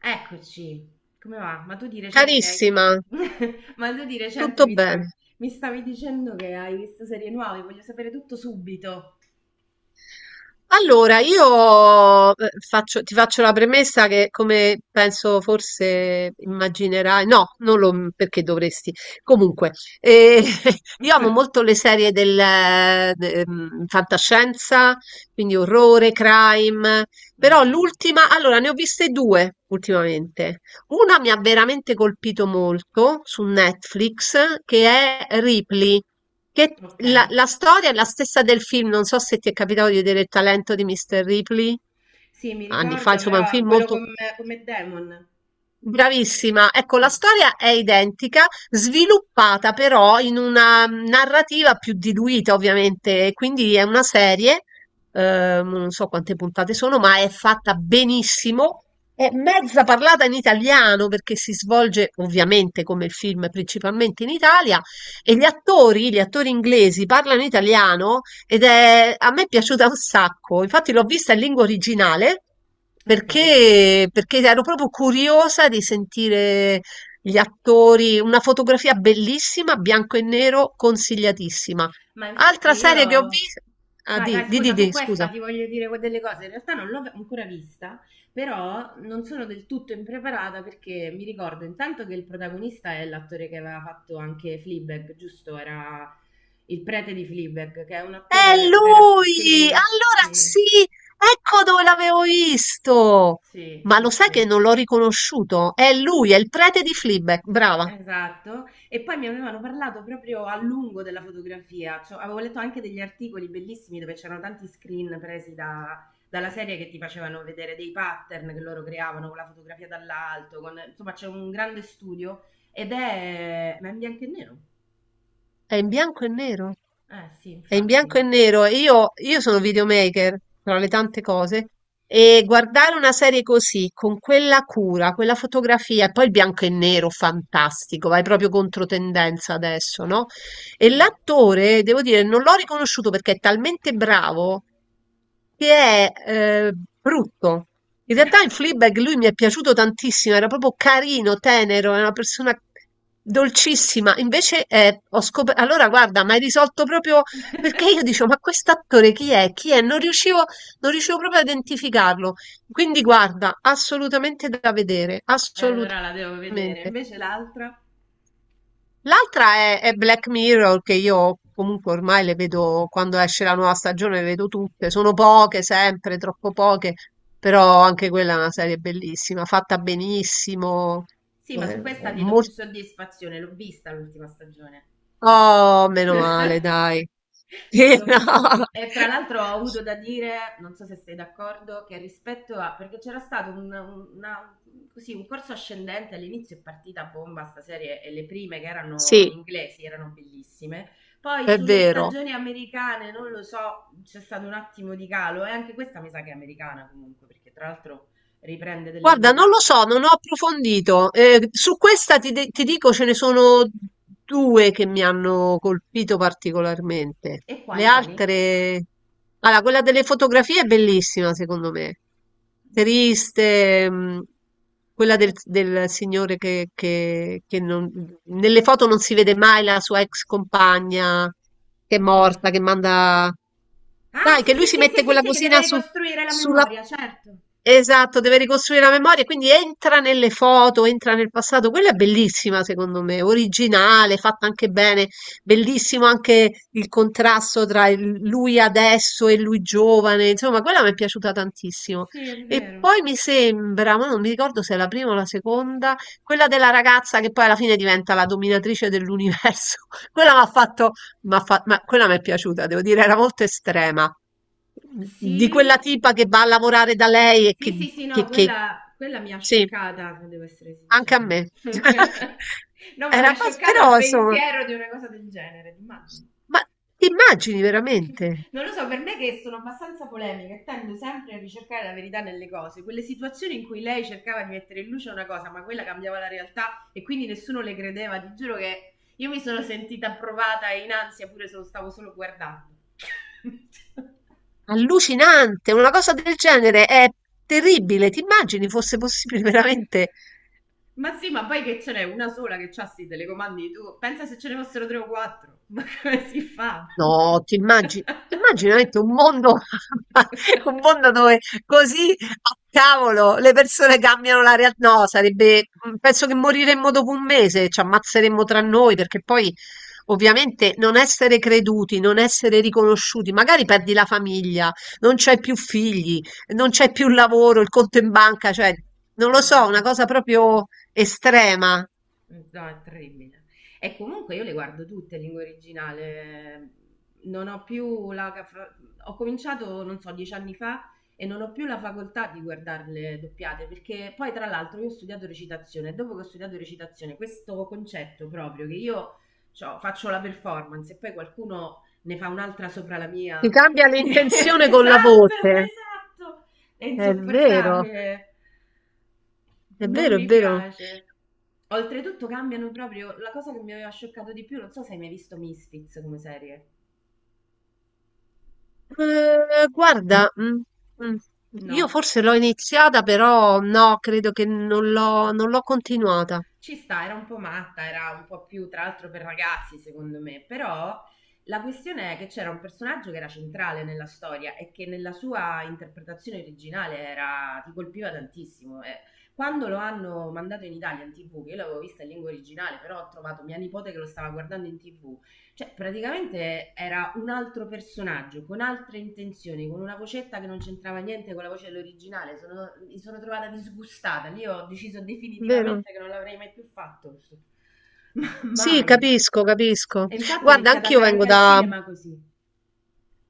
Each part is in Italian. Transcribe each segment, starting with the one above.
Eccoci, come va? Ma tu di recente hai. Carissima, Ma tu di recente tutto mi sta- bene. mi stavi dicendo che hai visto serie nuove, voglio sapere tutto subito. Allora, io ti faccio la premessa che, come penso forse immaginerai, no, non lo perché dovresti. Comunque, eh, io amo molto le serie fantascienza, quindi orrore, crime, però Ok, l'ultima, allora ne ho viste due ultimamente. Una mi ha veramente colpito molto su Netflix, che è Ripley. Che ok. la storia è la stessa del film, non so se ti è capitato di vedere Il talento di Mr. Ripley, Sì, mi anni fa, ricordo insomma è un però film quello molto. Con Matt Damon. Bravissima. Ecco, la Sì. storia è identica, sviluppata però in una narrativa più diluita, ovviamente. Quindi è una serie, non so quante puntate sono, ma è fatta benissimo. È mezza parlata in italiano perché si svolge ovviamente come il film principalmente in Italia e gli attori inglesi parlano italiano a me è piaciuta un sacco, infatti l'ho vista in lingua originale Ok. perché ero proprio curiosa di sentire gli attori, una fotografia bellissima, bianco e nero, consigliatissima. Ma Altra infatti serie che ho io. visto, Vai, vai, scusa, su scusa. questa ti voglio dire delle cose. In realtà non l'ho ancora vista, però non sono del tutto impreparata perché mi ricordo intanto che il protagonista è l'attore che aveva fatto anche Fleabag, giusto? Era il prete di Fleabag, che è un È attore vero. lui! Sì, Allora sì, sì, ecco dove l'avevo visto! sì, Ma sì, lo sai che sì. non l'ho riconosciuto? È lui, è il prete di Fleabag, brava. Esatto. E poi mi avevano parlato proprio a lungo della fotografia, cioè, avevo letto anche degli articoli bellissimi dove c'erano tanti screen presi dalla serie che ti facevano vedere dei pattern che loro creavano con la fotografia dall'alto, con- insomma c'è un grande studio ed è, ma è in bianco e nero. È in bianco e nero. Eh sì, È in bianco infatti. e nero. Io sono videomaker, tra le tante cose, e guardare una serie così, con quella cura, quella fotografia, e poi il bianco e nero, fantastico, vai proprio contro tendenza adesso, no? E Sì. l'attore, devo dire, non l'ho riconosciuto perché è talmente bravo che è brutto. In realtà in Fleabag lui mi è piaciuto tantissimo, era proprio carino, tenero, è una persona dolcissima. Invece ho scoperto. Allora, guarda, mi hai risolto proprio perché io dicevo, ma quest'attore chi è? Chi è? Non riuscivo proprio a identificarlo. Quindi guarda, assolutamente da vedere, E allora la devo vedere. assolutamente. Invece l'altra? L'altra è Black Mirror, che io comunque ormai le vedo quando esce la nuova stagione, le vedo tutte. Sono poche, sempre, troppo poche, però anche quella è una serie bellissima, fatta benissimo. Sì, ma su eh, questa ti do mol- più soddisfazione, l'ho vista l'ultima stagione. Oh, meno male, Sì. dai. Sì, L'ho- no. E tra l'altro ho avuto da dire, non so se sei d'accordo, che rispetto a. Perché c'era stato un, una- così, un corso ascendente all'inizio è partita a bomba sta serie e le prime che erano Sì, inglesi erano bellissime. Poi è sulle vero. stagioni americane, non lo so, c'è stato un attimo di calo e anche questa mi sa che è americana comunque, perché tra l'altro riprende delle Guarda, non lo puntate. so, non ho approfondito. Su questa ti dico ce ne sono due che mi hanno colpito particolarmente. E Le quali, quali? altre. Allora, quella delle fotografie è bellissima, secondo me. Oddio. Triste, quella del signore che non- nelle foto non si vede mai la sua ex compagna che è Oddio. morta, che manda. Ah, Dai, sì, che lui sì, si sì, mette sì, quella sì, sì, che deve cosina su, ricostruire la sulla. memoria, certo. Esatto, deve ricostruire la memoria, quindi entra nelle foto, entra nel passato. Quella è bellissima, secondo me, originale, fatta anche bene. Bellissimo anche il contrasto tra lui adesso e lui giovane. Insomma, quella mi è piaciuta tantissimo. Sì, è E vero. poi mi sembra, ma non mi ricordo se è la prima o la seconda, quella della ragazza che poi alla fine diventa la dominatrice dell'universo. Quella mi ha fatto. Ma quella mi è piaciuta, devo dire, era molto estrema. Di Sì. quella tipa che va a lavorare da lei e Sì, sì, sì, no, che quella mi ha sì, scioccata, devo essere sincera. anche a me. No, ma Era mi ha abbas scioccato il però insomma, pensiero di una cosa del genere, immagini. ma ti immagini veramente? Non lo so, per me che sono abbastanza polemica e tendo sempre a ricercare la verità nelle cose, quelle situazioni in cui lei cercava di mettere in luce una cosa, ma quella cambiava la realtà e quindi nessuno le credeva, ti giuro che io mi sono sentita provata e in ansia pure se lo stavo solo guardando. Allucinante, una cosa del genere è terribile. Ti immagini fosse possibile veramente? Ma sì, ma poi che ce n'è una sola che c'ha sti telecomandi, tu pensa se ce ne fossero tre o quattro, ma come si fa? No, ti immagini veramente un mondo un mondo dove così a cavolo le persone cambiano la real. No, sarebbe penso che moriremmo dopo un mese, ci ammazzeremmo tra noi perché poi ovviamente non essere creduti, non essere riconosciuti, magari perdi la famiglia, non c'hai più figli, non c'è più lavoro, il conto in banca, cioè non lo No, no, so, una no. cosa proprio estrema. No, è terribile. E comunque io le guardo tutte in lingua originale. Non ho più la... fa- Ho cominciato, non so, 10 anni fa e non ho più la facoltà di guardarle doppiate perché poi tra l'altro io ho studiato recitazione e dopo che ho studiato recitazione questo concetto proprio che io cioè, faccio la performance e poi qualcuno ne fa un'altra sopra la Ti mia. cambia l'intenzione con la Esatto, voce. esatto! È È vero. insopportabile. È Non vero, è mi vero. piace. Oltretutto cambiano proprio la cosa che mi aveva scioccato di più, non so se hai mai visto Misfits come serie. Guarda, mm, io No. forse l'ho iniziata, però no, credo che non l'ho continuata. Ci sta, era un po' matta, era un po' più tra l'altro per ragazzi, secondo me, però la questione è che c'era un personaggio che era centrale nella storia e che nella sua interpretazione originale era ti colpiva tantissimo. E quando lo hanno mandato in Italia in TV, che io l'avevo vista in lingua originale, però ho trovato mia nipote che lo stava guardando in TV. Cioè, praticamente era un altro personaggio, con altre intenzioni, con una vocetta che non c'entrava niente con la voce dell'originale. Mi sono trovata disgustata. Lì ho deciso Vero? definitivamente che non l'avrei mai più fatto. Ma Sì, mai. capisco, capisco. E infatti ho Guarda, iniziato ad anch'io andare vengo anche al da. cinema così.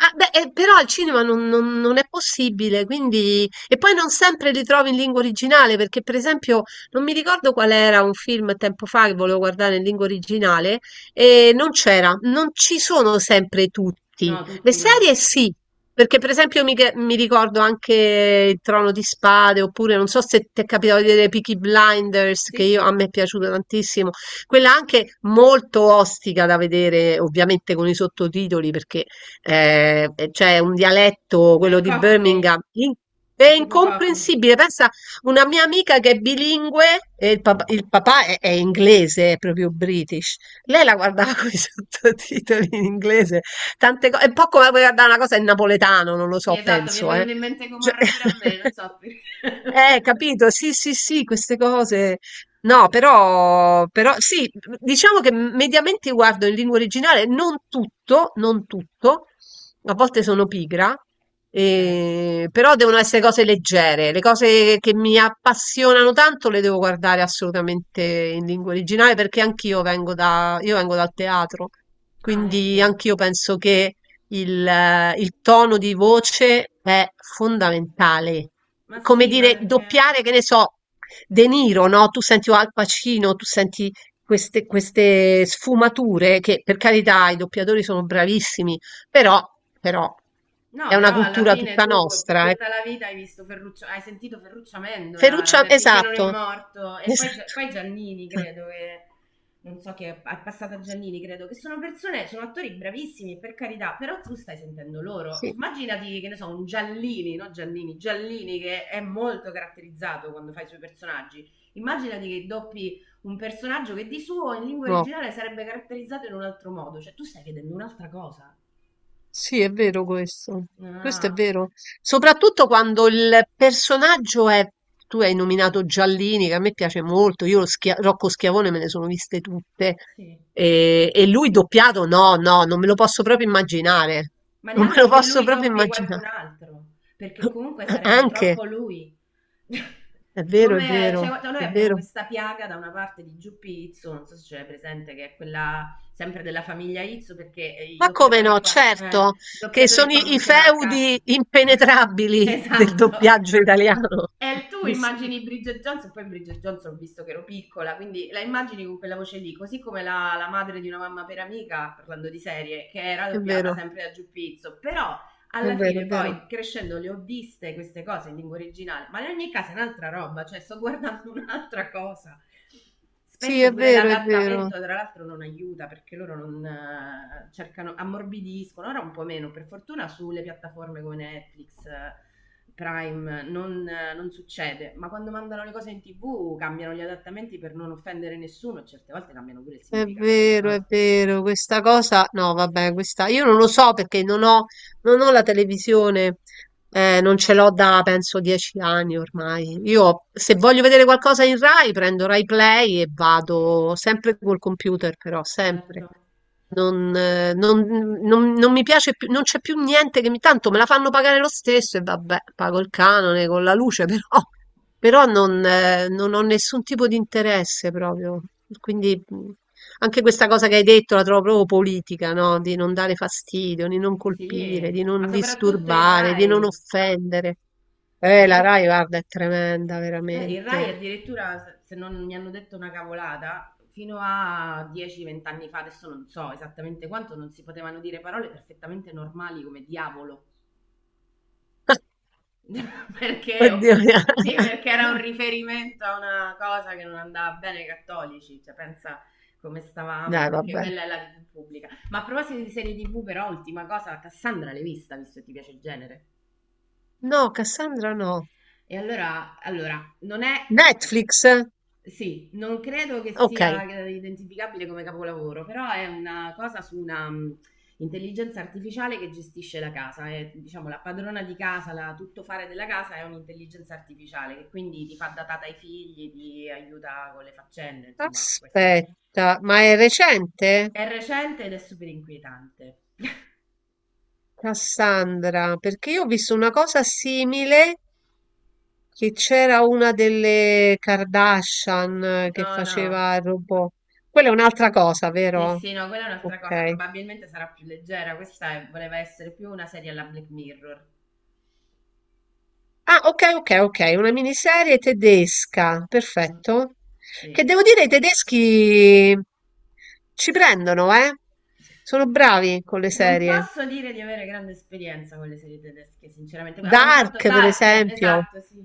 Ah, beh, però al cinema non è possibile, quindi. E poi non sempre li trovi in lingua originale, perché per esempio non mi ricordo qual era un film tempo fa che volevo guardare in lingua originale e non c'era, non ci sono sempre tutti. No, Le tutti serie no. sì, perché per esempio mi ricordo anche Il Trono di Spade, oppure non so se ti è capitato di vedere Peaky Blinders, Sì, a sì. me è piaciuto tantissimo, quella anche molto ostica da vedere, ovviamente con i sottotitoli, perché e c'è un dialetto, È quello di Cockney. Birmingham, è È tipo Cockney. incomprensibile. Pensa, una mia amica che è bilingue, e il papà è inglese, è proprio British, lei la guardava con i sottotitoli in inglese, tante cose, è un po' come guardare una cosa in napoletano, non lo Sì, so, esatto, mi è penso, eh. venuto in mente Cioè, Gomorra pure a me, non so eh, perché. capito? Sì, sì, sì, queste cose. No, però sì, diciamo che mediamente guardo in lingua originale, non tutto, non tutto, a volte sono pigra, Ok. Però devono essere cose leggere, le cose che mi appassionano tanto le devo guardare assolutamente in lingua originale perché io vengo dal teatro, Ah, quindi ecco. anch'io penso che il tono di voce è fondamentale Ma come sì, ma dire, perché. doppiare, che ne so, De Niro, no? Tu senti Al Pacino, tu senti queste sfumature che per carità i doppiatori sono bravissimi, però, però No, è una però alla cultura fine tutta tu per nostra. Tutta la vita hai visto Ferruccio, hai sentito Ferruccio Amendola Ferruccio, beh, finché non è esatto, morto e poi, Gia- esatto. poi Giannini, Ah, credo che non so che è passata a Giannini, credo che sì, sono persone, sono attori bravissimi, per carità, però tu stai sentendo loro. Cioè, sì, immaginati che ne so, un Giallini, no Giannini, Giallini che è molto caratterizzato quando fai i suoi personaggi. Immaginati che doppi un personaggio che di suo in lingua no. originale sarebbe caratterizzato in un altro modo, cioè tu stai vedendo un'altra cosa. Sì, è vero questo. Questo è Ah, vero. Soprattutto quando il personaggio è. Tu hai nominato Giallini, che a me piace molto. Rocco Schiavone me ne sono viste tutte. sì. E lui doppiato, no, no, non me lo posso proprio immaginare. Ma Non me lo neanche che posso lui proprio doppi qualcun immaginare. altro, perché comunque sarebbe Anche, troppo lui. è vero, è Come cioè, vero, noi è abbiamo vero. questa piaga da una parte di Giuppi Izzo, non so se ce l'hai presente, che è quella sempre della famiglia Izzo, perché i Ma come doppiatori no, qua, il certo, che doppiatore sono qua i funziona a cast. feudi impenetrabili del Esatto. doppiaggio italiano. E tu Sì, sì, immagini Bridget Johnson, poi Bridget Johnson ho visto che ero piccola, quindi la immagini con quella voce lì, così come la, la madre di una mamma per amica, parlando di serie, che era è doppiata vero, sempre da Giuppizzo, però è alla vero, è fine vero. poi crescendo le ho viste queste cose in lingua originale, ma in ogni caso è un'altra roba, cioè sto guardando un'altra cosa. Sì, Spesso è pure vero, è vero, l'adattamento, tra l'altro, non aiuta perché loro non cercano, ammorbidiscono, ora un po' meno, per fortuna sulle piattaforme come Netflix, Prime, non succede, ma quando mandano le cose in tv cambiano gli adattamenti per non offendere nessuno, certe volte cambiano pure il è significato delle vero, è cose. vero. Questa cosa, no, vabbè, questa io non lo so perché non ho la televisione, non ce l'ho da penso 10 anni ormai. Io se voglio vedere qualcosa in Rai, prendo Rai Play e vado sempre col computer, però sempre. Certo, Non, eh, non- Non mi piace più, non c'è più niente che mi. Tanto me la fanno pagare lo stesso e vabbè, pago il canone con la luce, però non ho nessun tipo di interesse proprio. Quindi anche questa cosa che hai detto la trovo proprio politica, no? Di non dare fastidio, di non colpire, di sì, ma non soprattutto il disturbare, di non Rai, offendere. ma La sopra- Rai, guarda, è tremenda, il Rai veramente. addirittura, se non mi hanno detto una cavolata, fino a 10-20 anni fa, adesso non so esattamente quanto, non si potevano dire parole perfettamente normali come diavolo. Perché, oh, Oddio. sì, perché era un riferimento a una cosa che non andava bene ai cattolici, cioè pensa come stavamo, Dai, perché vabbè. quella è la TV pubblica. Ma a proposito di serie TV, però, ultima cosa, Cassandra l'hai vista, visto che ti piace il genere. No, Cassandra no. E allora non è. Netflix? Sì, non credo che Ok, sia identificabile come capolavoro, però è una cosa su una intelligenza artificiale che gestisce la casa, è, diciamo la padrona di casa, la tuttofare della casa è un'intelligenza artificiale che quindi ti fa da tata ai figli, ti aiuta con le faccende, insomma, questo. aspetta, ma è recente? È recente ed è super inquietante. Cassandra, perché io ho visto una cosa simile che c'era una delle Kardashian che No, no, faceva il robot. Quella è un'altra cosa, sì, vero? sì, no, quella è un'altra cosa, Ok. probabilmente sarà più leggera, voleva essere più una serie alla Black Mirror. Ah, ok, ok, ok, una miniserie tedesca, Mm. perfetto. Che Sì. devo dire, i tedeschi ci prendono, eh? Sono bravi con le Non serie. posso dire di avere grande esperienza con le serie tedesche, sinceramente. Avevano fatto Dark, per Dark, esempio. esatto, sì.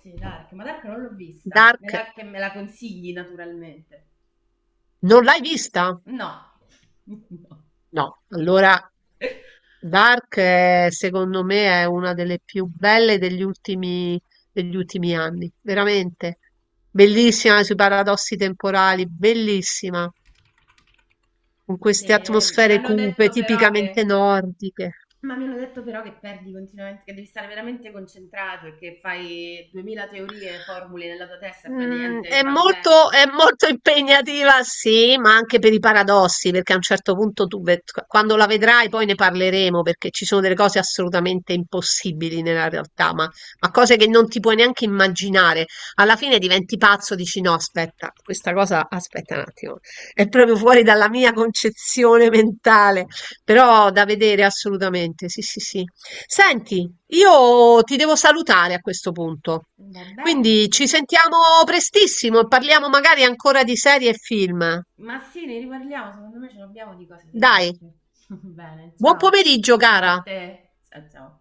Sì, Dark, ma Dark non l'ho vista. Me Dark, la, che me la consigli, naturalmente. non l'hai vista? No. No. No, allora Dark è, secondo me è una delle più belle degli ultimi anni, veramente. Bellissima sui paradossi temporali, bellissima, con Sì, queste mi atmosfere hanno cupe, detto però tipicamente che. nordiche. Ma mi hanno detto però che perdi continuamente, che devi stare veramente concentrato e che fai 2000 teorie, formule nella tua testa e poi Mhmm, niente, è va bene. molto è molto impegnativa, sì, ma anche per i paradossi, perché a un certo punto tu ve q quando la vedrai poi ne parleremo, perché ci sono delle cose assolutamente impossibili nella realtà, ma cose che non ti puoi neanche immaginare. Alla fine diventi pazzo, dici: "No, aspetta, questa cosa aspetta un attimo, è proprio fuori dalla mia concezione mentale", però da vedere assolutamente, sì, sì, sì. Senti, io ti devo salutare a questo punto. Va bene. Quindi ci sentiamo prestissimo e parliamo magari ancora di serie e film. Ma sì, ne riparliamo, secondo me ce l'abbiamo di cose da Dai, dirci. Bene, buon ciao. pomeriggio A cara! te. Ciao ciao.